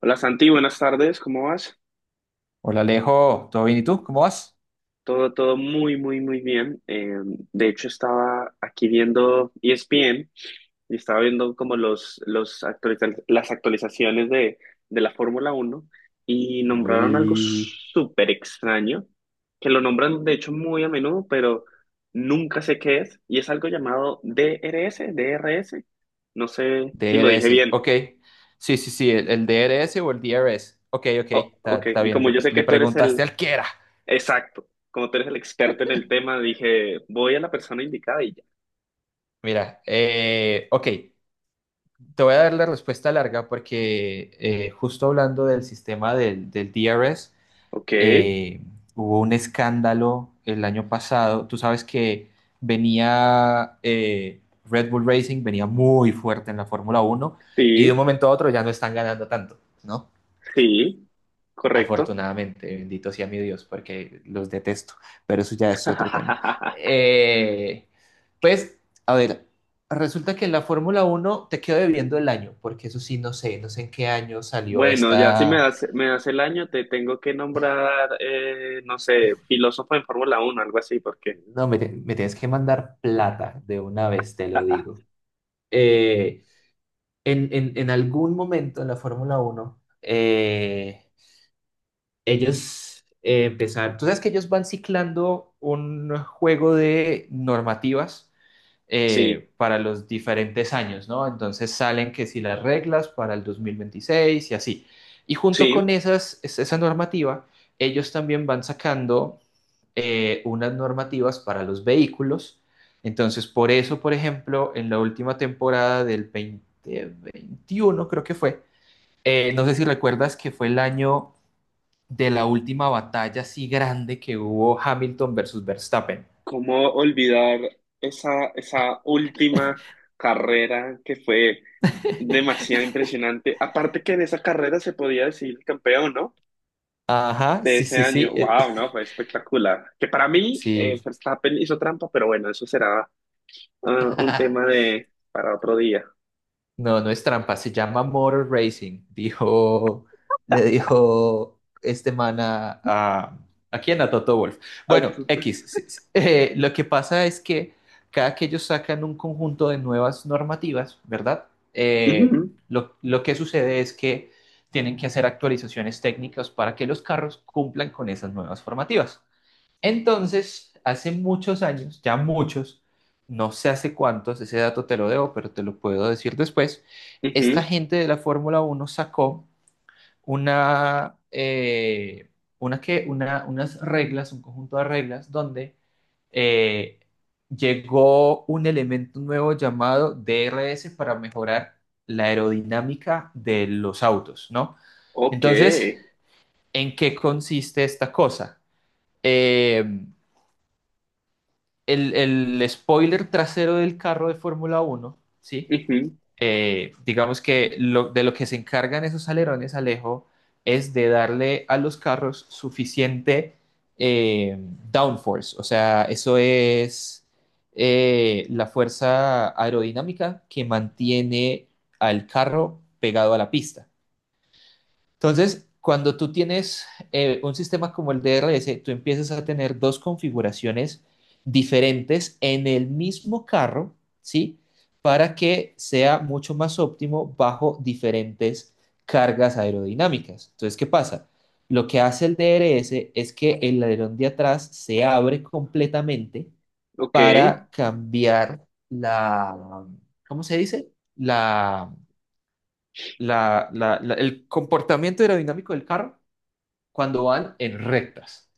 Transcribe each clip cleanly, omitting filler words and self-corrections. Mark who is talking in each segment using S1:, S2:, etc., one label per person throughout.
S1: Hola Santi, buenas tardes, ¿cómo vas?
S2: Hola Alejo, ¿todo bien y tú? ¿Cómo vas?
S1: Todo muy, muy, muy bien. De hecho, estaba aquí viendo ESPN y estaba viendo como las actualizaciones de la Fórmula Uno y nombraron algo
S2: Uy,
S1: súper extraño, que lo nombran de hecho muy a menudo, pero nunca sé qué es, y es algo llamado DRS. No sé si lo dije
S2: DRS,
S1: bien.
S2: ok. Sí, sí, sí, el DRS o el DRS. Ok, ok,
S1: Oh,
S2: está
S1: ok,
S2: está
S1: y
S2: bien,
S1: como yo sé que
S2: le
S1: tú eres
S2: preguntaste
S1: el
S2: al que era.
S1: exacto. Como tú eres el experto en el tema, dije, voy a la persona indicada y ya.
S2: Mira, ok, te voy a dar la respuesta larga porque justo hablando del sistema del DRS,
S1: Ok,
S2: eh, hubo un escándalo el año pasado. Tú sabes que venía Red Bull Racing, venía muy fuerte en la Fórmula Uno y de un
S1: sí,
S2: momento a otro ya no están ganando tanto, ¿no?
S1: sí, correcto.
S2: Afortunadamente, bendito sea mi Dios, porque los detesto, pero eso ya es otro tema. Eh, pues, a ver, resulta que en la Fórmula Uno te quedo debiendo el año, porque eso sí, no sé, en qué año salió
S1: Bueno, ya si me
S2: esta.
S1: das, me das el año, te tengo que nombrar, no sé, filósofo en Fórmula uno, algo así, porque
S2: No, me tienes que mandar plata de una vez, te lo digo. Eh, en, en algún momento en la Fórmula uno ellos empezaron, tú sabes que ellos van ciclando un juego de normativas
S1: sí,
S2: para los diferentes años, ¿no? Entonces salen que si las reglas para el 2026 y así. Y junto con
S1: sí.
S2: esas, esa normativa, ellos también van sacando unas normativas para los vehículos. Entonces, por eso, por ejemplo, en la última temporada del 2021 creo que fue, no sé si recuerdas que fue el año de la última batalla así grande que hubo Hamilton versus Verstappen.
S1: ¿Cómo olvidar esa, esa última carrera que fue demasiado impresionante? Aparte que en esa carrera se podía decidir el campeón, ¿no?
S2: Ajá,
S1: De
S2: sí,
S1: ese
S2: sí,
S1: año.
S2: sí,
S1: Wow, no, fue espectacular. Que para mí,
S2: sí.
S1: Verstappen hizo trampa, pero bueno, eso será ah, un tema de para otro día.
S2: No, no es trampa, se llama Motor Racing, dijo, le dijo este man ¿a quién? A Toto Wolff.
S1: Ah,
S2: Bueno,
S1: pu-
S2: X, sí, sí. Lo que pasa es que cada que ellos sacan un conjunto de nuevas normativas, ¿verdad? Eh,
S1: ujú,
S2: lo que sucede es que tienen que hacer actualizaciones técnicas para que los carros cumplan con esas nuevas formativas. Entonces, hace muchos años, ya muchos, no sé hace cuántos, ese dato te lo debo, pero te lo puedo decir después, esta
S1: ujú,
S2: gente de la Fórmula uno sacó una, eh, unas reglas, un conjunto de reglas donde eh, llegó un elemento nuevo llamado DRS para mejorar la aerodinámica de los autos, ¿no?
S1: ok,
S2: Entonces, ¿en qué consiste esta cosa? Eh, el spoiler trasero del carro de Fórmula uno, ¿sí?
S1: ujú,
S2: Digamos que de lo que se encargan esos alerones, Alejo, es de darle a los carros suficiente eh, downforce, o sea, eso es la fuerza aerodinámica que mantiene al carro pegado a la pista. Entonces, cuando tú tienes un sistema como el DRS, tú empiezas a tener dos configuraciones diferentes en el mismo carro, ¿sí? Para que sea mucho más óptimo bajo diferentes cargas aerodinámicas. Entonces, ¿qué pasa? Lo que hace el DRS es que el alerón de atrás se abre completamente
S1: ok.
S2: para cambiar la, ¿cómo se dice? La, el comportamiento aerodinámico del carro cuando van en rectas.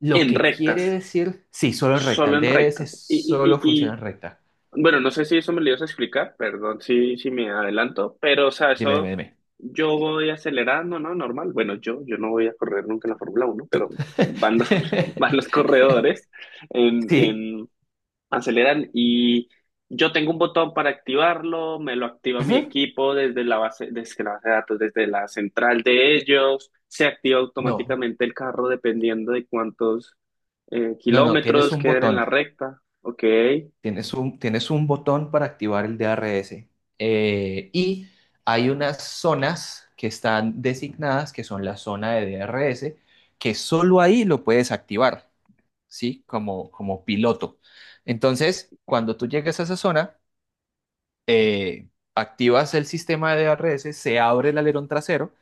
S2: Lo
S1: En
S2: que quiere
S1: rectas,
S2: decir, sí, solo en recta.
S1: solo
S2: El
S1: en
S2: DRS
S1: rectas.
S2: solo funciona en recta.
S1: Bueno, no sé si eso me lo ibas a explicar, perdón si me adelanto, pero o sea,
S2: Dime, dime,
S1: eso
S2: dime.
S1: yo voy acelerando, ¿no? Normal. Bueno, yo no voy a correr nunca en la Fórmula Uno pero
S2: Tú.
S1: van los, van los corredores
S2: Sí.
S1: en aceleran y yo tengo un botón para activarlo, me lo activa mi
S2: Ujú.
S1: equipo desde la base de datos, desde la central de ellos, se activa
S2: No,
S1: automáticamente el carro dependiendo de cuántos
S2: no, no. Tienes
S1: kilómetros
S2: un
S1: queden en la
S2: botón.
S1: recta, ok,
S2: Tienes un botón para activar el DRS. Y hay unas zonas que están designadas, que son la zona de DRS, que solo ahí lo puedes activar, ¿sí? Como piloto. Entonces, cuando tú llegues a esa zona, eh, activas el sistema de ARS, se abre el alerón trasero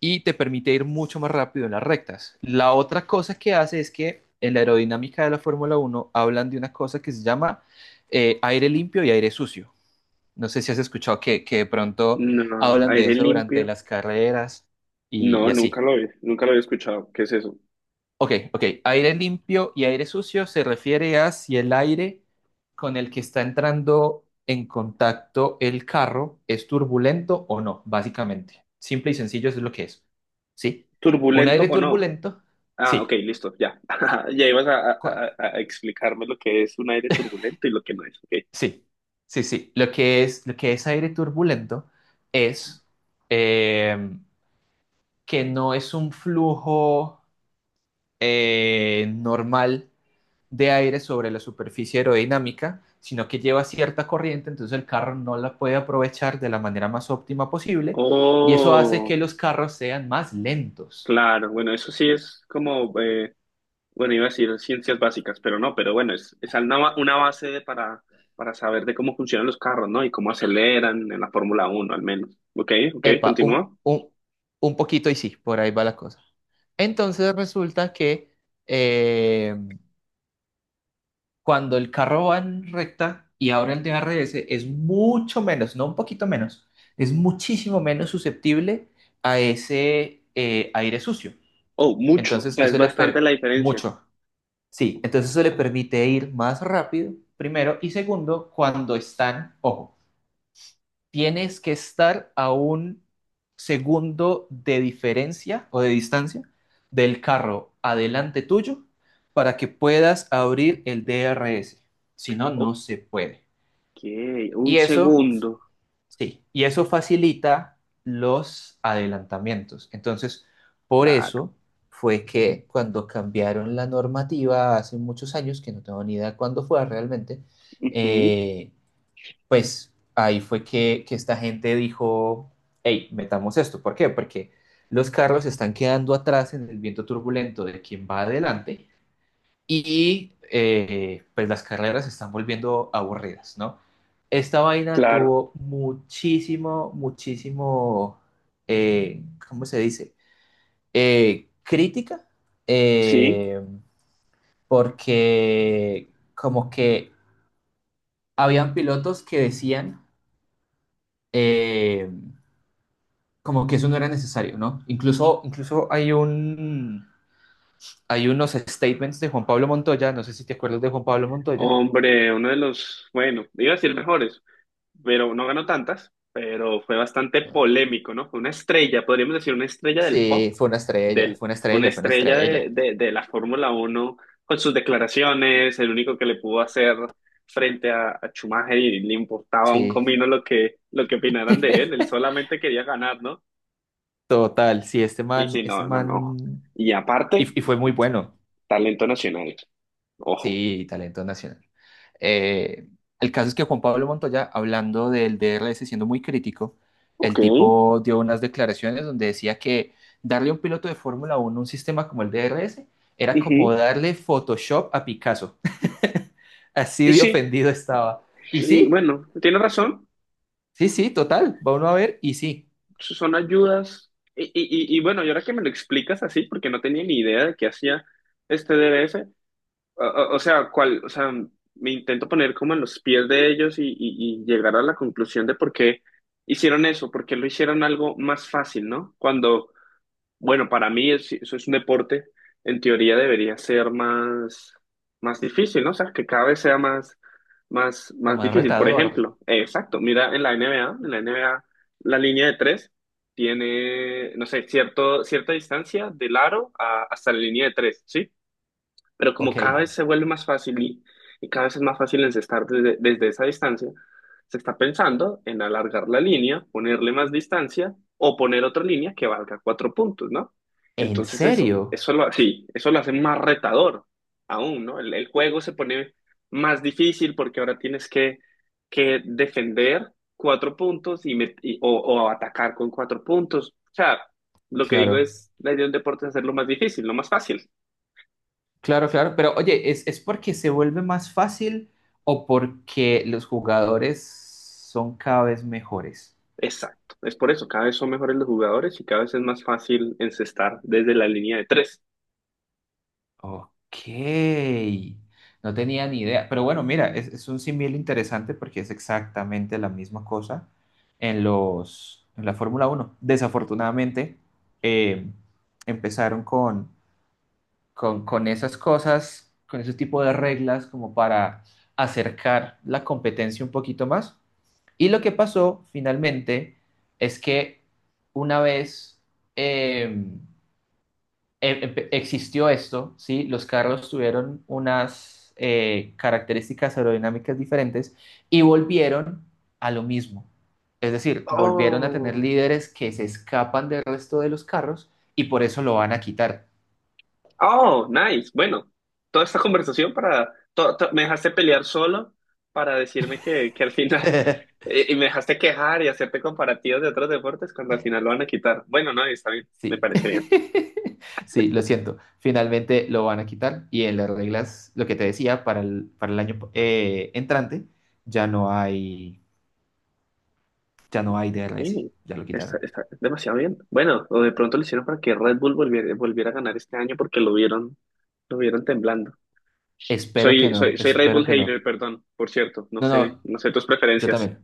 S2: y te permite ir mucho más rápido en las rectas. La otra cosa que hace es que en la aerodinámica de la Fórmula uno hablan de una cosa que se llama aire limpio y aire sucio. No sé si has escuchado que de pronto
S1: no,
S2: hablan de
S1: aire
S2: eso durante
S1: limpio,
S2: las carreras
S1: no,
S2: y
S1: nunca
S2: así.
S1: lo he, nunca lo había escuchado, ¿qué es eso?
S2: Ok, ok. Aire limpio y aire sucio se refiere a si el aire con el que está entrando en contacto el carro es turbulento o no, básicamente. Simple y sencillo eso es lo que es. ¿Sí? Un
S1: ¿Turbulento
S2: aire
S1: o no?
S2: turbulento,
S1: Ah, ok,
S2: sí.
S1: listo, ya. Ya ibas a,
S2: Cu-
S1: a explicarme lo que es un aire turbulento y lo que no es, ok.
S2: Sí, sí, sí. Lo que es aire turbulento es eh, que no es un flujo normal de aire sobre la superficie aerodinámica, sino que lleva cierta corriente, entonces el carro no la puede aprovechar de la manera más óptima posible y eso hace que
S1: Oh.
S2: los carros sean más lentos.
S1: Claro, bueno, eso sí es como, bueno, iba a decir ciencias básicas, pero no, pero bueno, es una, ba- una base de- para saber de cómo funcionan los carros, ¿no? Y cómo aceleran en la Fórmula Uno al menos. Ok, ok,
S2: Epa,
S1: continúa.
S2: un poquito y sí, por ahí va la cosa. Entonces resulta que eh, cuando el carro va en recta y ahora el DRS es mucho menos, no un poquito menos, es muchísimo menos susceptible a ese aire sucio.
S1: Oh, mucho, o
S2: Entonces
S1: sea, es
S2: eso le
S1: bastante
S2: per
S1: la diferencia.
S2: mucho Sí, entonces eso le permite ir más rápido, primero, y segundo, cuando están, ojo, tienes que estar a un segundo de diferencia o de distancia del carro adelante tuyo para que puedas abrir el DRS. Si no, no
S1: Ok,
S2: se puede.
S1: un
S2: Y eso
S1: segundo,
S2: Sí, y eso facilita los adelantamientos. Entonces, por
S1: claro.
S2: eso fue que cuando cambiaron la normativa hace muchos años, que no tengo ni idea cuándo fue realmente,
S1: Ujú,
S2: eh, pues ahí fue que esta gente dijo, hey, metamos esto. ¿Por qué? Porque los carros están quedando atrás en el viento turbulento de quien va adelante y pues las carreras se están volviendo aburridas, ¿no? Esta vaina
S1: claro,
S2: tuvo muchísimo, muchísimo, ¿cómo se dice? Crítica,
S1: sí.
S2: eh, porque como que habían pilotos que decían eh, como que eso no era necesario, ¿no? Incluso hay unos statements de Juan Pablo Montoya, no sé si te acuerdas de Juan Pablo Montoya.
S1: Hombre, uno de los, bueno, iba a decir mejores, pero no ganó tantas, pero fue bastante polémico, ¿no? Fue una estrella, podríamos decir una estrella del pop,
S2: Sí, fue una estrella,
S1: del,
S2: fue una
S1: una
S2: estrella, fue una
S1: estrella
S2: estrella.
S1: de la Fórmula 1 con sus declaraciones, el único que le pudo hacer frente a Schumacher y le importaba un
S2: Sí.
S1: comino lo que opinaran de él, él solamente quería ganar, ¿no?
S2: Total, sí,
S1: Sí, sí,
S2: este
S1: no, no, no.
S2: man,
S1: Y aparte,
S2: y fue muy bueno.
S1: talento nacional, ojo.
S2: Sí, talento nacional. Eh, el caso es que Juan Pablo Montoya, hablando del DRS, siendo muy crítico,
S1: Ok.
S2: el tipo dio unas declaraciones donde decía que darle a un piloto de Fórmula Uno un sistema como el DRS era como
S1: Ujú.
S2: darle Photoshop a Picasso. Así
S1: Y
S2: de
S1: sí,
S2: ofendido estaba. Y
S1: y
S2: sí,
S1: bueno, tiene razón.
S2: sí, sí, total, va uno a ver, y sí.
S1: Son ayudas. Y bueno, y ahora que me lo explicas así, porque no tenía ni idea de qué hacía este D B S o sea, cuál, o sea, me intento poner como en los pies de ellos y llegar a la conclusión de por qué hicieron eso, por qué lo hicieron algo más fácil, ¿no? Cuando bueno, para mí es- eso es un deporte, en teoría debería ser más, más difícil, ¿no? O sea, que cada vez sea más, más,
S2: Como
S1: más
S2: más
S1: difícil. Por
S2: retador.
S1: ejemplo, exacto, mira en la NBA, en la NBA la línea de tres tiene, no sé, cierto, cierta distancia del aro a- hasta la línea de tres, ¿sí? Pero como
S2: Ok.
S1: cada vez se vuelve más fácil y cada vez es más fácil encestar desde, desde esa distancia, se está pensando en alargar la línea, ponerle más distancia o poner otra línea que valga cuatro puntos, ¿no?
S2: ¿En
S1: Entonces eso,
S2: serio?
S1: eso lo, sí, eso lo hace más retador aún, ¿no? El juego se pone más difícil porque ahora tienes que defender cuatro puntos o atacar con cuatro puntos. O sea, lo que digo
S2: Claro,
S1: es, la idea del deporte es hacerlo más difícil, no más fácil.
S2: claro, claro. Pero oye, es porque se vuelve más fácil o porque los jugadores son cada vez mejores?
S1: Exacto. Es por eso, cada vez son mejores los jugadores y cada vez es más fácil encestar desde la línea de tres.
S2: Ok. No tenía ni idea. Pero bueno, mira, es un símil interesante porque es exactamente la misma cosa en en la Fórmula Uno. Desafortunadamente, eh, empezaron con esas cosas, con ese tipo de reglas como para acercar la competencia un poquito más. Y lo que pasó finalmente es que una vez eh, existió esto, ¿sí? Los carros tuvieron unas características aerodinámicas diferentes y volvieron a lo mismo. Es decir, volvieron a tener
S1: Oh,
S2: líderes que se escapan del resto de los carros y por eso lo van a quitar.
S1: oh, nice. Bueno, toda esta conversación para... me dejaste pelear solo para decirme que al final... Y y me dejaste quejar y hacerte comparativos de otros deportes cuando al final lo van a quitar. Bueno, no, está bien, me
S2: Sí.
S1: parece bien.
S2: Sí, lo siento. Finalmente lo van a quitar y en las reglas, lo que te decía, para el año entrante ya no hay, ya no hay DRS.
S1: Sí,
S2: Ya lo
S1: está,
S2: quitaron.
S1: está demasiado bien. Bueno, o de pronto lo hicieron para que Red Bull volviera, volviera a ganar este año porque lo vieron temblando.
S2: Espero que no,
S1: Soy Red
S2: espero
S1: Bull
S2: que no.
S1: hater, perdón, por cierto, no
S2: No,
S1: sé,
S2: no,
S1: no sé tus
S2: yo
S1: preferencias.
S2: también.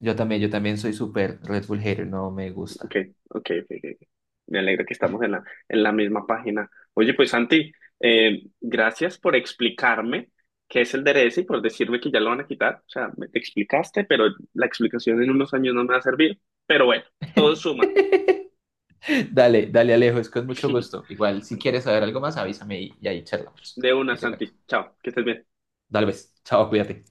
S2: Yo también, yo también soy súper Red Bull hater, no me
S1: Ok,
S2: gusta.
S1: ok. Me alegra que estamos en la misma página. Oye, pues Santi, gracias por explicarme qué es el DRS y por decirme que ya lo van a quitar. O sea, me te explicaste, pero la explicación en unos años no me va a servir. Pero bueno, todo suma.
S2: Dale, dale Alejo, es con mucho gusto. Igual, si quieres saber algo más, avísame y ahí charlamos.
S1: De una,
S2: Y te
S1: Santi.
S2: cuento.
S1: Chao, que estés bien.
S2: Dale, pues, chao, cuídate.